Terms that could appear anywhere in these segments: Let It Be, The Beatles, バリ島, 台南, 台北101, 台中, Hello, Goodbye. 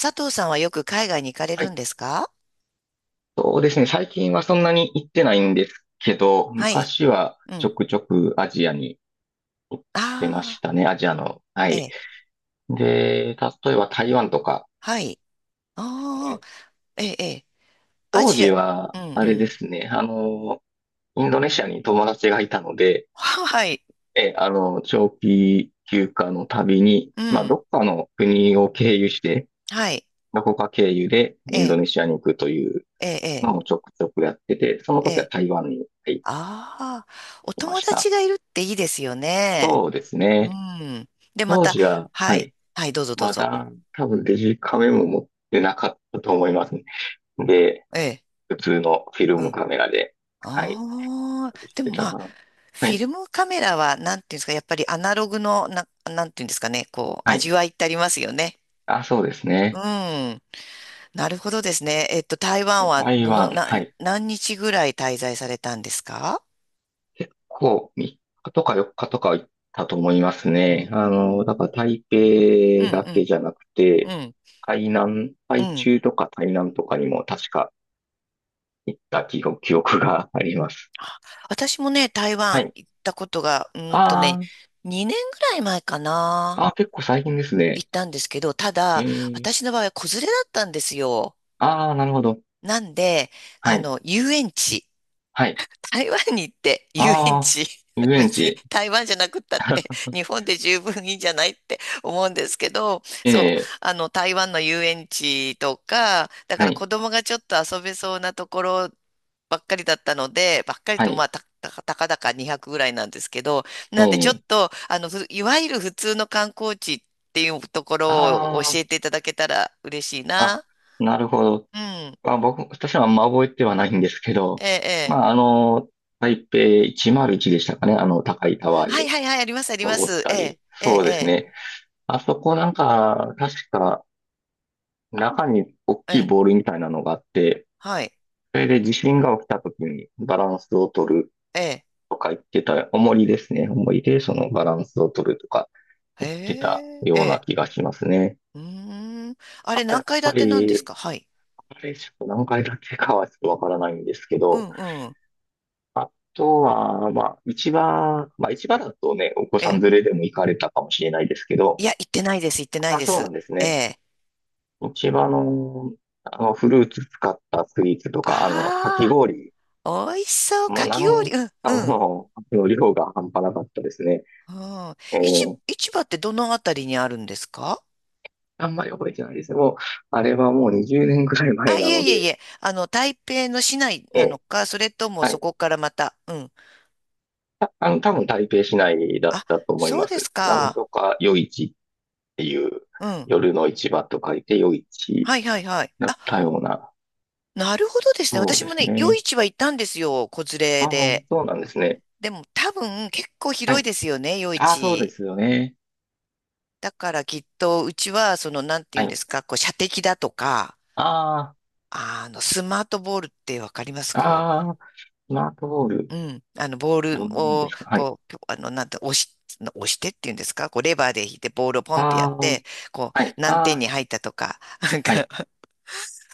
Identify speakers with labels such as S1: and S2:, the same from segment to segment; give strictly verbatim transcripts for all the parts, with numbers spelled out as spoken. S1: 佐藤さんはよく海外に行かれ
S2: は
S1: るん
S2: い。
S1: ですか？
S2: そうですね。最近はそんなに行ってないんですけど、
S1: はい。
S2: 昔は
S1: う
S2: ち
S1: ん。
S2: ょくちょくアジアに行ってまし
S1: ああ、
S2: たね。アジアの。は
S1: え
S2: い。
S1: え。
S2: で、例えば台湾とか、
S1: はい。ああ、
S2: ね、
S1: ええ、ええ。ア
S2: 当
S1: ジア、
S2: 時は、
S1: うん
S2: あ
S1: う
S2: れで
S1: ん。
S2: すね。あの、インドネシアに友達がいたので、
S1: はい。
S2: え、あの、長期休暇の旅に、
S1: う
S2: まあ、ど
S1: ん。
S2: っかの国を経由して、
S1: はい。
S2: どこか経由で
S1: え
S2: インド
S1: え、
S2: ネシアに行くという
S1: ええ、
S2: のをちょくちょくやってて、その
S1: ええ。
S2: 時
S1: え
S2: は
S1: え
S2: 台湾に、はい、
S1: ああ、お
S2: いま
S1: 友
S2: した。
S1: 達がいるっていいですよね。
S2: そうです
S1: う
S2: ね。
S1: ん。で、ま
S2: 当
S1: た、
S2: 時は、
S1: は
S2: は
S1: い。
S2: い。
S1: はい、どうぞどう
S2: ま
S1: ぞ。
S2: だ、多分デジカメも持ってなかったと思いますね。で、
S1: ええ。
S2: 普通のフィル
S1: う
S2: ム
S1: ん。
S2: カメラで、はい。
S1: ああ、
S2: 隠し
S1: で
S2: て
S1: もま
S2: た
S1: あ、
S2: かな。は
S1: フィ
S2: い。
S1: ルムカメラは、なんていうんですか、やっぱりアナログの、な、なんていうんですかね、こう、
S2: はい。
S1: 味わいってありますよね。
S2: あ、そうです
S1: う
S2: ね。
S1: ん。なるほどですね。えっと、台湾は
S2: 台
S1: どの、
S2: 湾、
S1: な、
S2: はい。
S1: 何日ぐらい滞在されたんですか？
S2: こう、みっかとかよっかとか行ったと思います
S1: うー
S2: ね。あの、だか
S1: ん。
S2: ら台
S1: う
S2: 北だけ
S1: ん、
S2: じゃなく
S1: うん、
S2: て、
S1: うん、
S2: 台南、
S1: う
S2: 台
S1: ん。
S2: 中とか台南とかにも確か行った記憶、記憶があります。
S1: あ、私もね、台
S2: は
S1: 湾
S2: い。
S1: 行ったことが、うー
S2: あ
S1: んとね、
S2: ー
S1: にねんぐらい前かな。
S2: あー、結構最近です
S1: 行
S2: ね。
S1: ったんですけど、た
S2: え
S1: だ、
S2: ー
S1: 私の場合は子連れだったんですよ。
S2: ああ、なるほど。
S1: なんで、
S2: は
S1: あ
S2: い。
S1: の、遊園地。
S2: はい。
S1: 台湾に行って遊園
S2: ああ、
S1: 地、
S2: 遊 園
S1: 別に
S2: 地。
S1: 台湾じゃなくったって 日本で十分いいんじゃないって思うんですけど、
S2: え
S1: そう、
S2: え、
S1: あの台湾の遊園地とか、だか
S2: は
S1: ら
S2: い。
S1: 子供がちょっと遊べそうなところばっかりだったので、ばっかり
S2: は
S1: とま
S2: い。
S1: あた、たか、たかだかにひゃくぐらいなんですけど、
S2: え
S1: なんでちょっ
S2: え、
S1: と、あの、ふいわゆる普通の観光地っていうところを
S2: あ
S1: 教えていただけたら嬉しい
S2: あ、あ、
S1: な。
S2: なるほど。
S1: うん。
S2: まあ、僕、私はあんま覚えてはないんですけ
S1: え
S2: ど、
S1: え、え
S2: まあ、
S1: え。
S2: あの、台北イチマルイチでしたかね。あの、高いタワー
S1: はい
S2: に
S1: はいはい、ありますありま
S2: 登っ
S1: す。
S2: た
S1: ええ、
S2: り。
S1: え
S2: そうです
S1: え、
S2: ね。あそこなんか、確か、中に大
S1: え
S2: きい
S1: え。
S2: ボールみたいなのがあって、
S1: はい。
S2: それで地震が起きた時にバランスを取る
S1: ええ。
S2: とか言ってた、重りですね。重りでそのバランスを取るとか
S1: へ
S2: 言ってた
S1: え、え
S2: ような
S1: え。
S2: 気がしますね。
S1: うーん。あ
S2: あ
S1: れ、
S2: と
S1: 何
S2: やっ
S1: 階
S2: ぱ
S1: 建てなんです
S2: り、
S1: か？はい。
S2: あれちょっと何回だけかはちょっとわからないんですけ
S1: う
S2: ど、
S1: んうん。
S2: あとは、まあ、市場、まあ、市場だとね、お子
S1: え
S2: さん
S1: え。
S2: 連れでも行かれたかもしれないですけ
S1: い
S2: ど、
S1: や、行ってないです、行ってない
S2: あ、
S1: で
S2: そうな
S1: す。
S2: んです
S1: え
S2: ね。
S1: え。
S2: 市場の、あの、フルーツ使ったスイーツとか、あの、かき
S1: あ
S2: 氷。
S1: あ、美味しそう。
S2: も
S1: か
S2: うなん、あ
S1: き
S2: の、
S1: 氷。うん、
S2: あ
S1: うん。
S2: の量が半端なかったですね。
S1: うん、
S2: え
S1: 市、
S2: ー
S1: 市場ってどのあたりにあるんですか？
S2: あんまり覚えてないですね。もう、あれはもうにじゅうねんくらい
S1: あ、
S2: 前
S1: い
S2: な
S1: え
S2: の
S1: いえい
S2: で、
S1: え。あの、台北の市内
S2: え
S1: なの
S2: え、
S1: か、それとも
S2: は
S1: そ
S2: い。
S1: こからまた。うん。
S2: たあの、多分台北市内だっ
S1: あ、
S2: たと思い
S1: そう
S2: ま
S1: です
S2: す。なん
S1: か。
S2: とか夜市っていう、
S1: うん。
S2: 夜の市場と書いて夜市
S1: はいはいはい。
S2: だ
S1: あ、
S2: ったような。
S1: なるほどですね。
S2: そう
S1: 私
S2: で
S1: も
S2: す
S1: ね、夜
S2: ね。
S1: 市は行ったんですよ。子連
S2: あ
S1: れ
S2: あ、
S1: で。
S2: そうなんですね。
S1: でも多分結構
S2: は
S1: 広い
S2: い。
S1: ですよね、夜
S2: ああ、そうで
S1: 市。
S2: すよね。
S1: だからきっとうちはそのなんて言
S2: は
S1: うんで
S2: い。
S1: すか、こう射的だとか、
S2: あ
S1: あのスマートボールってわかります？
S2: あ、
S1: こ
S2: ああ、スマートボール、
S1: う、うん、あのボール
S2: どんなもんで
S1: を
S2: すか？はい。
S1: こう、あのなんて押し、押してっていうんですか、こうレバーで引いてボールをポンってやっ
S2: ああ、
S1: て、こ
S2: はい。
S1: う何
S2: あ
S1: 点に
S2: あ、
S1: 入ったとか、なん
S2: は
S1: か
S2: い。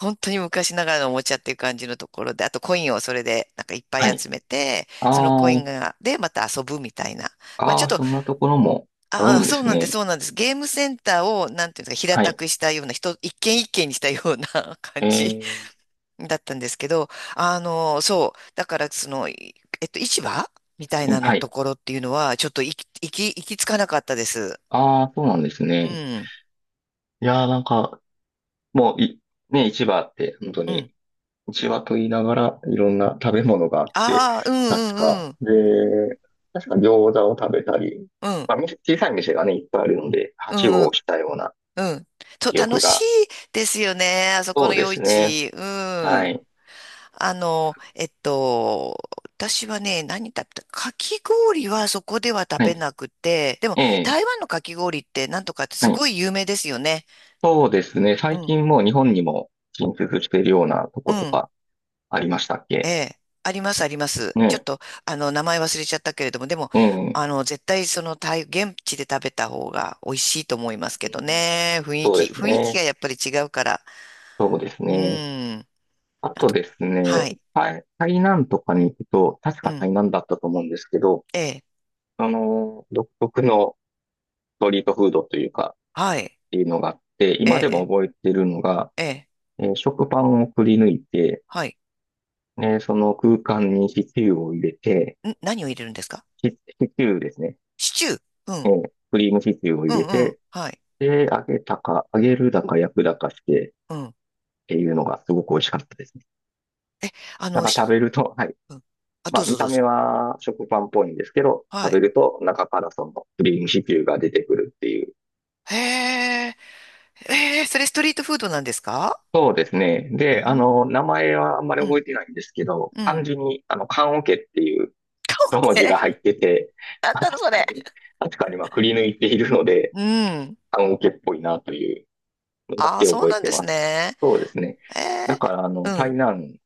S1: 本当に昔ながらのおもちゃっていう感じのところで、あとコインをそれでなんかいっぱい
S2: はい。
S1: 集めて、そのコイ
S2: あ
S1: ン
S2: あ、
S1: がでまた遊ぶみたいな。まあちょ
S2: あ
S1: っ
S2: あ、
S1: と、
S2: そんなところもある
S1: ああ、
S2: んで
S1: そう
S2: す
S1: なんです、
S2: ね。
S1: そうなんです。ゲームセンターを、なんていうんですか、平
S2: は
S1: た
S2: い。
S1: くしたような、人、一軒一軒にしたような
S2: え
S1: 感じ
S2: ー、
S1: だったんですけど、あの、そう、だから、その、いえっと、市場みたい
S2: うん。
S1: なの
S2: は
S1: と
S2: い。
S1: ころっていうのは、ちょっと行き、行き、行き着かなかったです。
S2: ああ、そうなんです
S1: う
S2: ね。
S1: ん、
S2: いやー、なんか、もう、い、ね、市場って本当
S1: うん。
S2: に、市場と言いながらいろんな食べ物があって、
S1: ああ、うん
S2: 確
S1: うん
S2: か。
S1: うん、
S2: で、確か餃子を食べたり、
S1: うん、
S2: まあ、店小さい店がね、いっぱいあるので、は
S1: う
S2: し
S1: ん、う
S2: ご
S1: ん、
S2: をしたような
S1: うん。と、
S2: 記
S1: 楽
S2: 憶
S1: しい
S2: が。
S1: ですよね、あそこ
S2: そう
S1: の
S2: で
S1: 夜
S2: すね。
S1: 市。う
S2: は
S1: ん。
S2: い。
S1: あの、えっと、私はね、何食べた、かき氷はそこでは食
S2: は
S1: べ
S2: い。
S1: なくて、でも
S2: ええ、
S1: 台湾のかき氷ってなんとかって
S2: は
S1: す
S2: い。
S1: ごい有名ですよね。
S2: そうですね。
S1: う
S2: 最
S1: ん、
S2: 近もう日本にも進出しているようなと
S1: う
S2: こと
S1: ん、
S2: かありましたっ
S1: え
S2: け
S1: え、ありますあります。ちょっ
S2: ね。
S1: と、あの、名前忘れちゃったけれども、でも、
S2: ええ、
S1: あの、絶対その台、現地で食べた方が美味しいと思います
S2: う
S1: けど
S2: ん。
S1: ね。雰囲
S2: そう
S1: 気、
S2: です
S1: 雰囲気
S2: ね。
S1: がやっぱり違うから。
S2: そうです
S1: う
S2: ね。
S1: ん。
S2: あ
S1: あ
S2: と
S1: と、
S2: ですね、
S1: はい、
S2: 台、台南とかに行くと、確
S1: う
S2: か
S1: ん、
S2: 台南だったと思うんですけど、
S1: ええ、
S2: あの、独特のストリートフードというか、
S1: はい、
S2: っていうのがあって、
S1: え
S2: 今でも
S1: え、
S2: 覚えてるのが、
S1: ええ、
S2: えー食パンをくり抜いて、
S1: はい。
S2: ね、その空間にシチューを入れて、
S1: ん、何を入れるんですか？
S2: シ、シチューですね。
S1: シチュー。う
S2: え
S1: ん。
S2: ークリームシチューを
S1: う
S2: 入
S1: ん、
S2: れ
S1: うん。
S2: て、
S1: はい。
S2: で、揚げたか、揚げるだか焼くだかして、
S1: うん。
S2: っていうのがすごく美味しかったですね。
S1: あ
S2: なん
S1: の、
S2: か食
S1: し、
S2: べると、はい、
S1: うん。あ、
S2: ま
S1: ど
S2: あ、
S1: う
S2: 見
S1: ぞど
S2: た
S1: う
S2: 目
S1: ぞ。
S2: は食パンっぽいんですけど、
S1: は
S2: 食べ
S1: い。
S2: ると中からそのクリームシチューが出てくるっていう。
S1: へえ、えー、それストリートフードなんですか？
S2: そうですね。
S1: う
S2: で、あ
S1: ん。
S2: の、名前はあんまり
S1: う
S2: 覚
S1: ん。
S2: えてないんですけど、
S1: う
S2: 漢
S1: ん。
S2: 字に、あの、棺桶っていう一文字
S1: え、
S2: が入ってて、
S1: な ん
S2: まあ
S1: だろ、そ
S2: 確か
S1: れ。
S2: に、確かにまあ、くり抜いているので、
S1: うん。
S2: 棺桶っぽいなというのだ
S1: ああ、
S2: け
S1: そう
S2: 覚え
S1: なん
S2: て
S1: で
S2: ま
S1: す
S2: す。
S1: ね。
S2: そうですね。だ
S1: え
S2: から、あ
S1: ー、
S2: の、
S1: う
S2: 台
S1: ん。
S2: 南、ス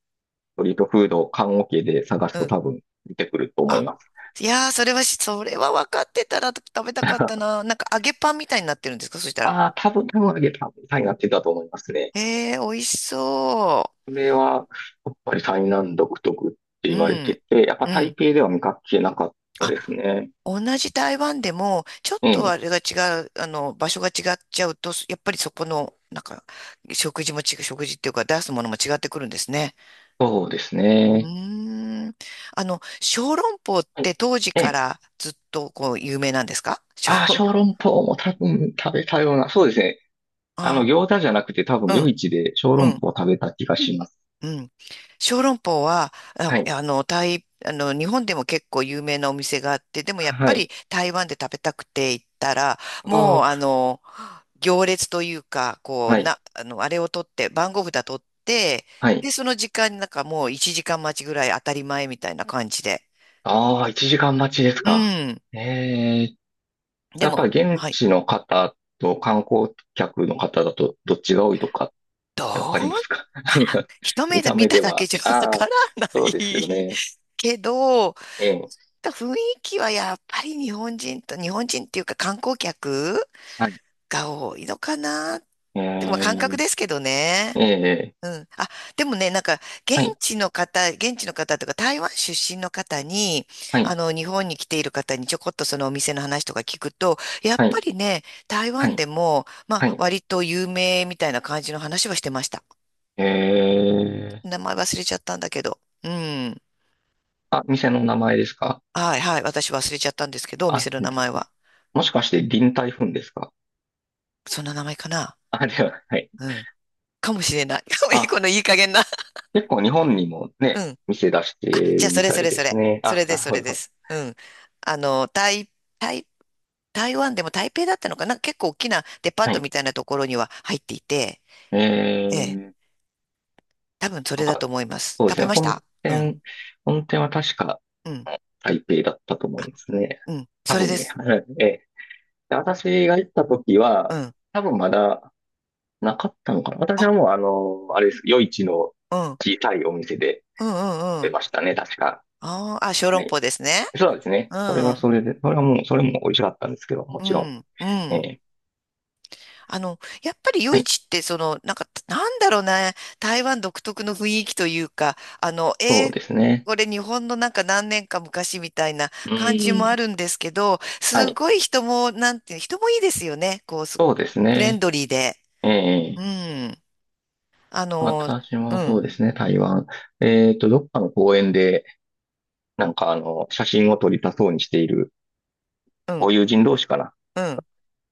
S2: トリートフード、棺桶で探す
S1: う
S2: と
S1: ん。
S2: 多分出てくると思い
S1: あ、
S2: ます。
S1: いやー、それはし、それは分かってたら食べたかった な。なんか揚げパンみたいになってるんですか？そしたら。
S2: ああ、多分、多分あげた、台南って言ったと思いますね。
S1: えー、美味しそ
S2: これは、やっぱり台南独特って
S1: う。う
S2: 言われて
S1: ん。
S2: て、やっぱ
S1: う
S2: 台
S1: ん。
S2: 北では見かけなかった
S1: あ、
S2: ですね。
S1: 同じ台湾でも、ちょっ
S2: う
S1: とあ
S2: ん、
S1: れが違う、あの、場所が違っちゃうと、やっぱりそこの、なんか、食事も違う、食事っていうか出すものも違ってくるんですね。
S2: そうです
S1: う
S2: ね。
S1: ーん。あの、小籠包っ
S2: はい。
S1: て当時
S2: え
S1: か
S2: え、
S1: らずっとこう有名なんですか？
S2: ああ、
S1: 小、
S2: 小籠包も多分食べたような、そうですね。あの、
S1: あ、
S2: 餃子じゃなくて多
S1: う
S2: 分夜
S1: ん、
S2: 市で小
S1: う
S2: 籠
S1: ん、
S2: 包を食べた気がします。
S1: うん。小籠包は、あ
S2: はい。
S1: あの、台、あの、日本でも結構有名なお店があって、でもやっ
S2: は
S1: ぱり
S2: い。
S1: 台湾で食べたくて行ったら、
S2: あ
S1: もうあ
S2: あ、
S1: の、行列というか、こう、
S2: はい。
S1: な、あの、あれを取って、番号札取って、
S2: はい。
S1: で、その時間になんかもういちじかん待ちぐらい当たり前みたいな感じで。
S2: ああ、いちじかん待ちです
S1: う
S2: か。
S1: ん。
S2: ええ、
S1: で
S2: やっ
S1: も、
S2: ぱり現
S1: はい。
S2: 地の方と観光客の方だとどっちが多いとか
S1: どう、
S2: えわかりますか？ なん
S1: あ、
S2: か、
S1: 一目
S2: 見
S1: で
S2: た
S1: 見
S2: 目
S1: た
S2: で
S1: だけ
S2: は。
S1: じゃわ
S2: あ
S1: か
S2: あ、
S1: らな
S2: そうですよ
S1: い
S2: ね。
S1: けど、
S2: ええ、
S1: 雰囲気はやっぱり日本人と、日本人っていうか観光客
S2: はい。
S1: が多いのかなっ
S2: え
S1: て、まあ感覚
S2: え、
S1: ですけど
S2: え
S1: ね。
S2: え、
S1: うん。あ、でもね、なんか、現
S2: はい、
S1: 地の方、現地の方とか、台湾出身の方に、
S2: は
S1: あ
S2: い、
S1: の、日本に来ている方にちょこっとそのお店の話とか聞くと、やっ
S2: は
S1: ぱ
S2: い、
S1: りね、台
S2: は
S1: 湾
S2: い、
S1: でも、ま
S2: は
S1: あ、
S2: い。
S1: 割と有名みたいな感じの話はしてました。
S2: ええ、
S1: 名前忘れちゃったんだけど。うん。
S2: あ、店の名前ですか？
S1: はいはい。私忘れちゃったんですけど、お店
S2: あ、
S1: の名前
S2: り
S1: は。
S2: もしかして臨台風ですか？
S1: そんな名前かな？
S2: あ、では、はい。
S1: うん。かもしれない。いいこ
S2: あ、
S1: のいい加減な。
S2: 結構日本にも
S1: う
S2: ね、
S1: ん。
S2: 店出して
S1: あ、じゃあ、
S2: る
S1: そ
S2: み
S1: れ
S2: た
S1: そ
S2: い
S1: れ
S2: で
S1: そ
S2: す
S1: れ。
S2: ね。
S1: そ
S2: あ、
S1: れで
S2: な
S1: す、
S2: る
S1: それ
S2: ほ
S1: で
S2: ど。
S1: す。うん。あの、台、台台湾でも台北だったのかな、結構大きなデパー
S2: は
S1: ト
S2: い。
S1: みたいなところには入っていて、ええ、
S2: ええ、
S1: 多分そ
S2: な
S1: れ
S2: ん
S1: だと
S2: か、
S1: 思います。
S2: そうで
S1: 食
S2: す
S1: べ
S2: ね。
S1: まし
S2: 本
S1: た。うん、
S2: 店、本店は確か、
S1: うん。
S2: あの台北だったと思
S1: あ、
S2: いますね。
S1: うん、
S2: 多
S1: それ
S2: 分
S1: で
S2: ね。
S1: す。
S2: はい、ええ。で、私が行った時
S1: う
S2: は、
S1: ん。
S2: 多分まだなかったのかな。私
S1: あ、
S2: はもうあの、あれです。夜市の
S1: うん、うん、
S2: 小さいお店で
S1: うん、う
S2: 出
S1: ん。
S2: ましたね。確か。
S1: あーあ、小
S2: は
S1: 籠
S2: い。
S1: 包ですね。
S2: そうですね。
S1: う
S2: それは
S1: ん、
S2: それで、それはもう、それも美味しかったんですけど、も
S1: う
S2: ちろ
S1: ん、う
S2: ん。え
S1: ん。
S2: え。
S1: あの、やっぱり夜
S2: はい。
S1: 市って、その、なんか、なんだろうね、台湾独特の雰囲気というか、あの、
S2: そ
S1: え
S2: う
S1: ー
S2: ですね。
S1: これ日本のなんか何年か昔みたいな
S2: う
S1: 感じもあ
S2: ん。
S1: るんですけど、
S2: は
S1: す
S2: い。
S1: ごい人も、なんていう、人もいいですよね。こう、す
S2: そうです
S1: フレン
S2: ね。
S1: ドリーで。
S2: え
S1: う
S2: え、
S1: ん。あの、
S2: 私
S1: う
S2: もそ
S1: ん、
S2: うですね、台湾。えっと、どっかの公園で、なんかあの、写真を撮りたそうにしている
S1: うん、
S2: ご友人同士かな、
S1: うん、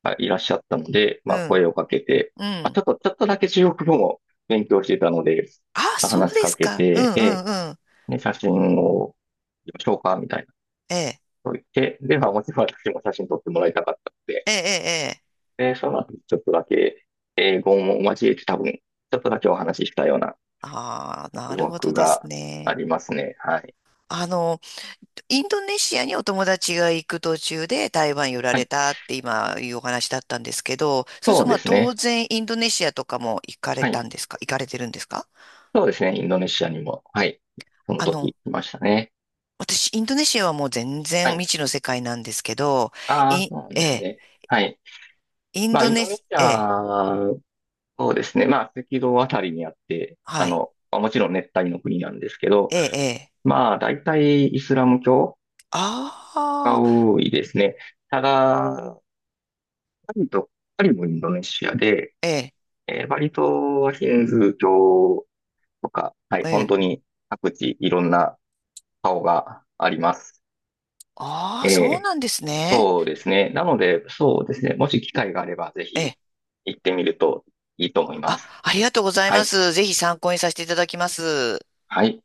S2: がいらっしゃったので、
S1: う
S2: まあ、
S1: ん、
S2: 声をかけて、
S1: う
S2: まあ、ちょ
S1: ん。
S2: っと、ちょっとだけ中国語も勉強してたので、
S1: あ、そう
S2: 話し
S1: で
S2: か
S1: す
S2: け
S1: か。う
S2: て、
S1: ん、う
S2: ええ、
S1: ん、うん。
S2: ね、写真を撮りましょうか、みたいなこ
S1: ええ、
S2: とを言って、で、まあ、もちろん私も写真撮ってもらいたかったので、
S1: ええ、ええ。ええ
S2: で、その後、ちょっとだけ英語も交えて多分、ちょっとだけお話ししたような
S1: ああ、な
S2: 記
S1: るほど
S2: 憶
S1: です
S2: があ
S1: ね。
S2: りますね。はい。
S1: あの、インドネシアにお友達が行く途中で台湾寄られたって今いうお話だったんですけど、そう
S2: そ
S1: すると
S2: う
S1: ま
S2: で
S1: あ
S2: す
S1: 当
S2: ね。
S1: 然インドネシアとかも行かれ
S2: は
S1: た
S2: い。
S1: んですか？行かれてるんですか？
S2: そうですね。インドネシアにも、はい。その
S1: あ
S2: 時
S1: の、
S2: 行きましたね。
S1: 私インドネシアはもう全
S2: は
S1: 然
S2: い。
S1: 未知の世界なんですけど、
S2: ああ、
S1: い、
S2: そうなん
S1: え
S2: です
S1: え、
S2: ね。はい。
S1: イン
S2: まあ、
S1: ド
S2: イン
S1: ネ
S2: ドネ
S1: シ、
S2: シ
S1: ええ、
S2: ア、そうですね。まあ、赤道あたりにあって、あ
S1: はい、
S2: の、まあもちろん熱帯の国なんですけど、
S1: ええ、ええ、
S2: まあ、大体イスラム教
S1: あ
S2: が
S1: あ、
S2: 多いですね。ただ、バリと、バリもインドネシアで、
S1: ええ、
S2: えーバリ島はヒンズー教とか、はい、
S1: え
S2: 本
S1: え、
S2: 当に各地いろんな顔があります。
S1: ああ、そう
S2: えー
S1: なんですね。
S2: そうですね。なので、そうですね。もし機会があれば、ぜ
S1: え
S2: ひ
S1: え、
S2: 行ってみるといいと思いま
S1: あ、
S2: す。
S1: ありがとうござい
S2: は
S1: ま
S2: い。
S1: す。ぜひ参考にさせていただきます。
S2: はい。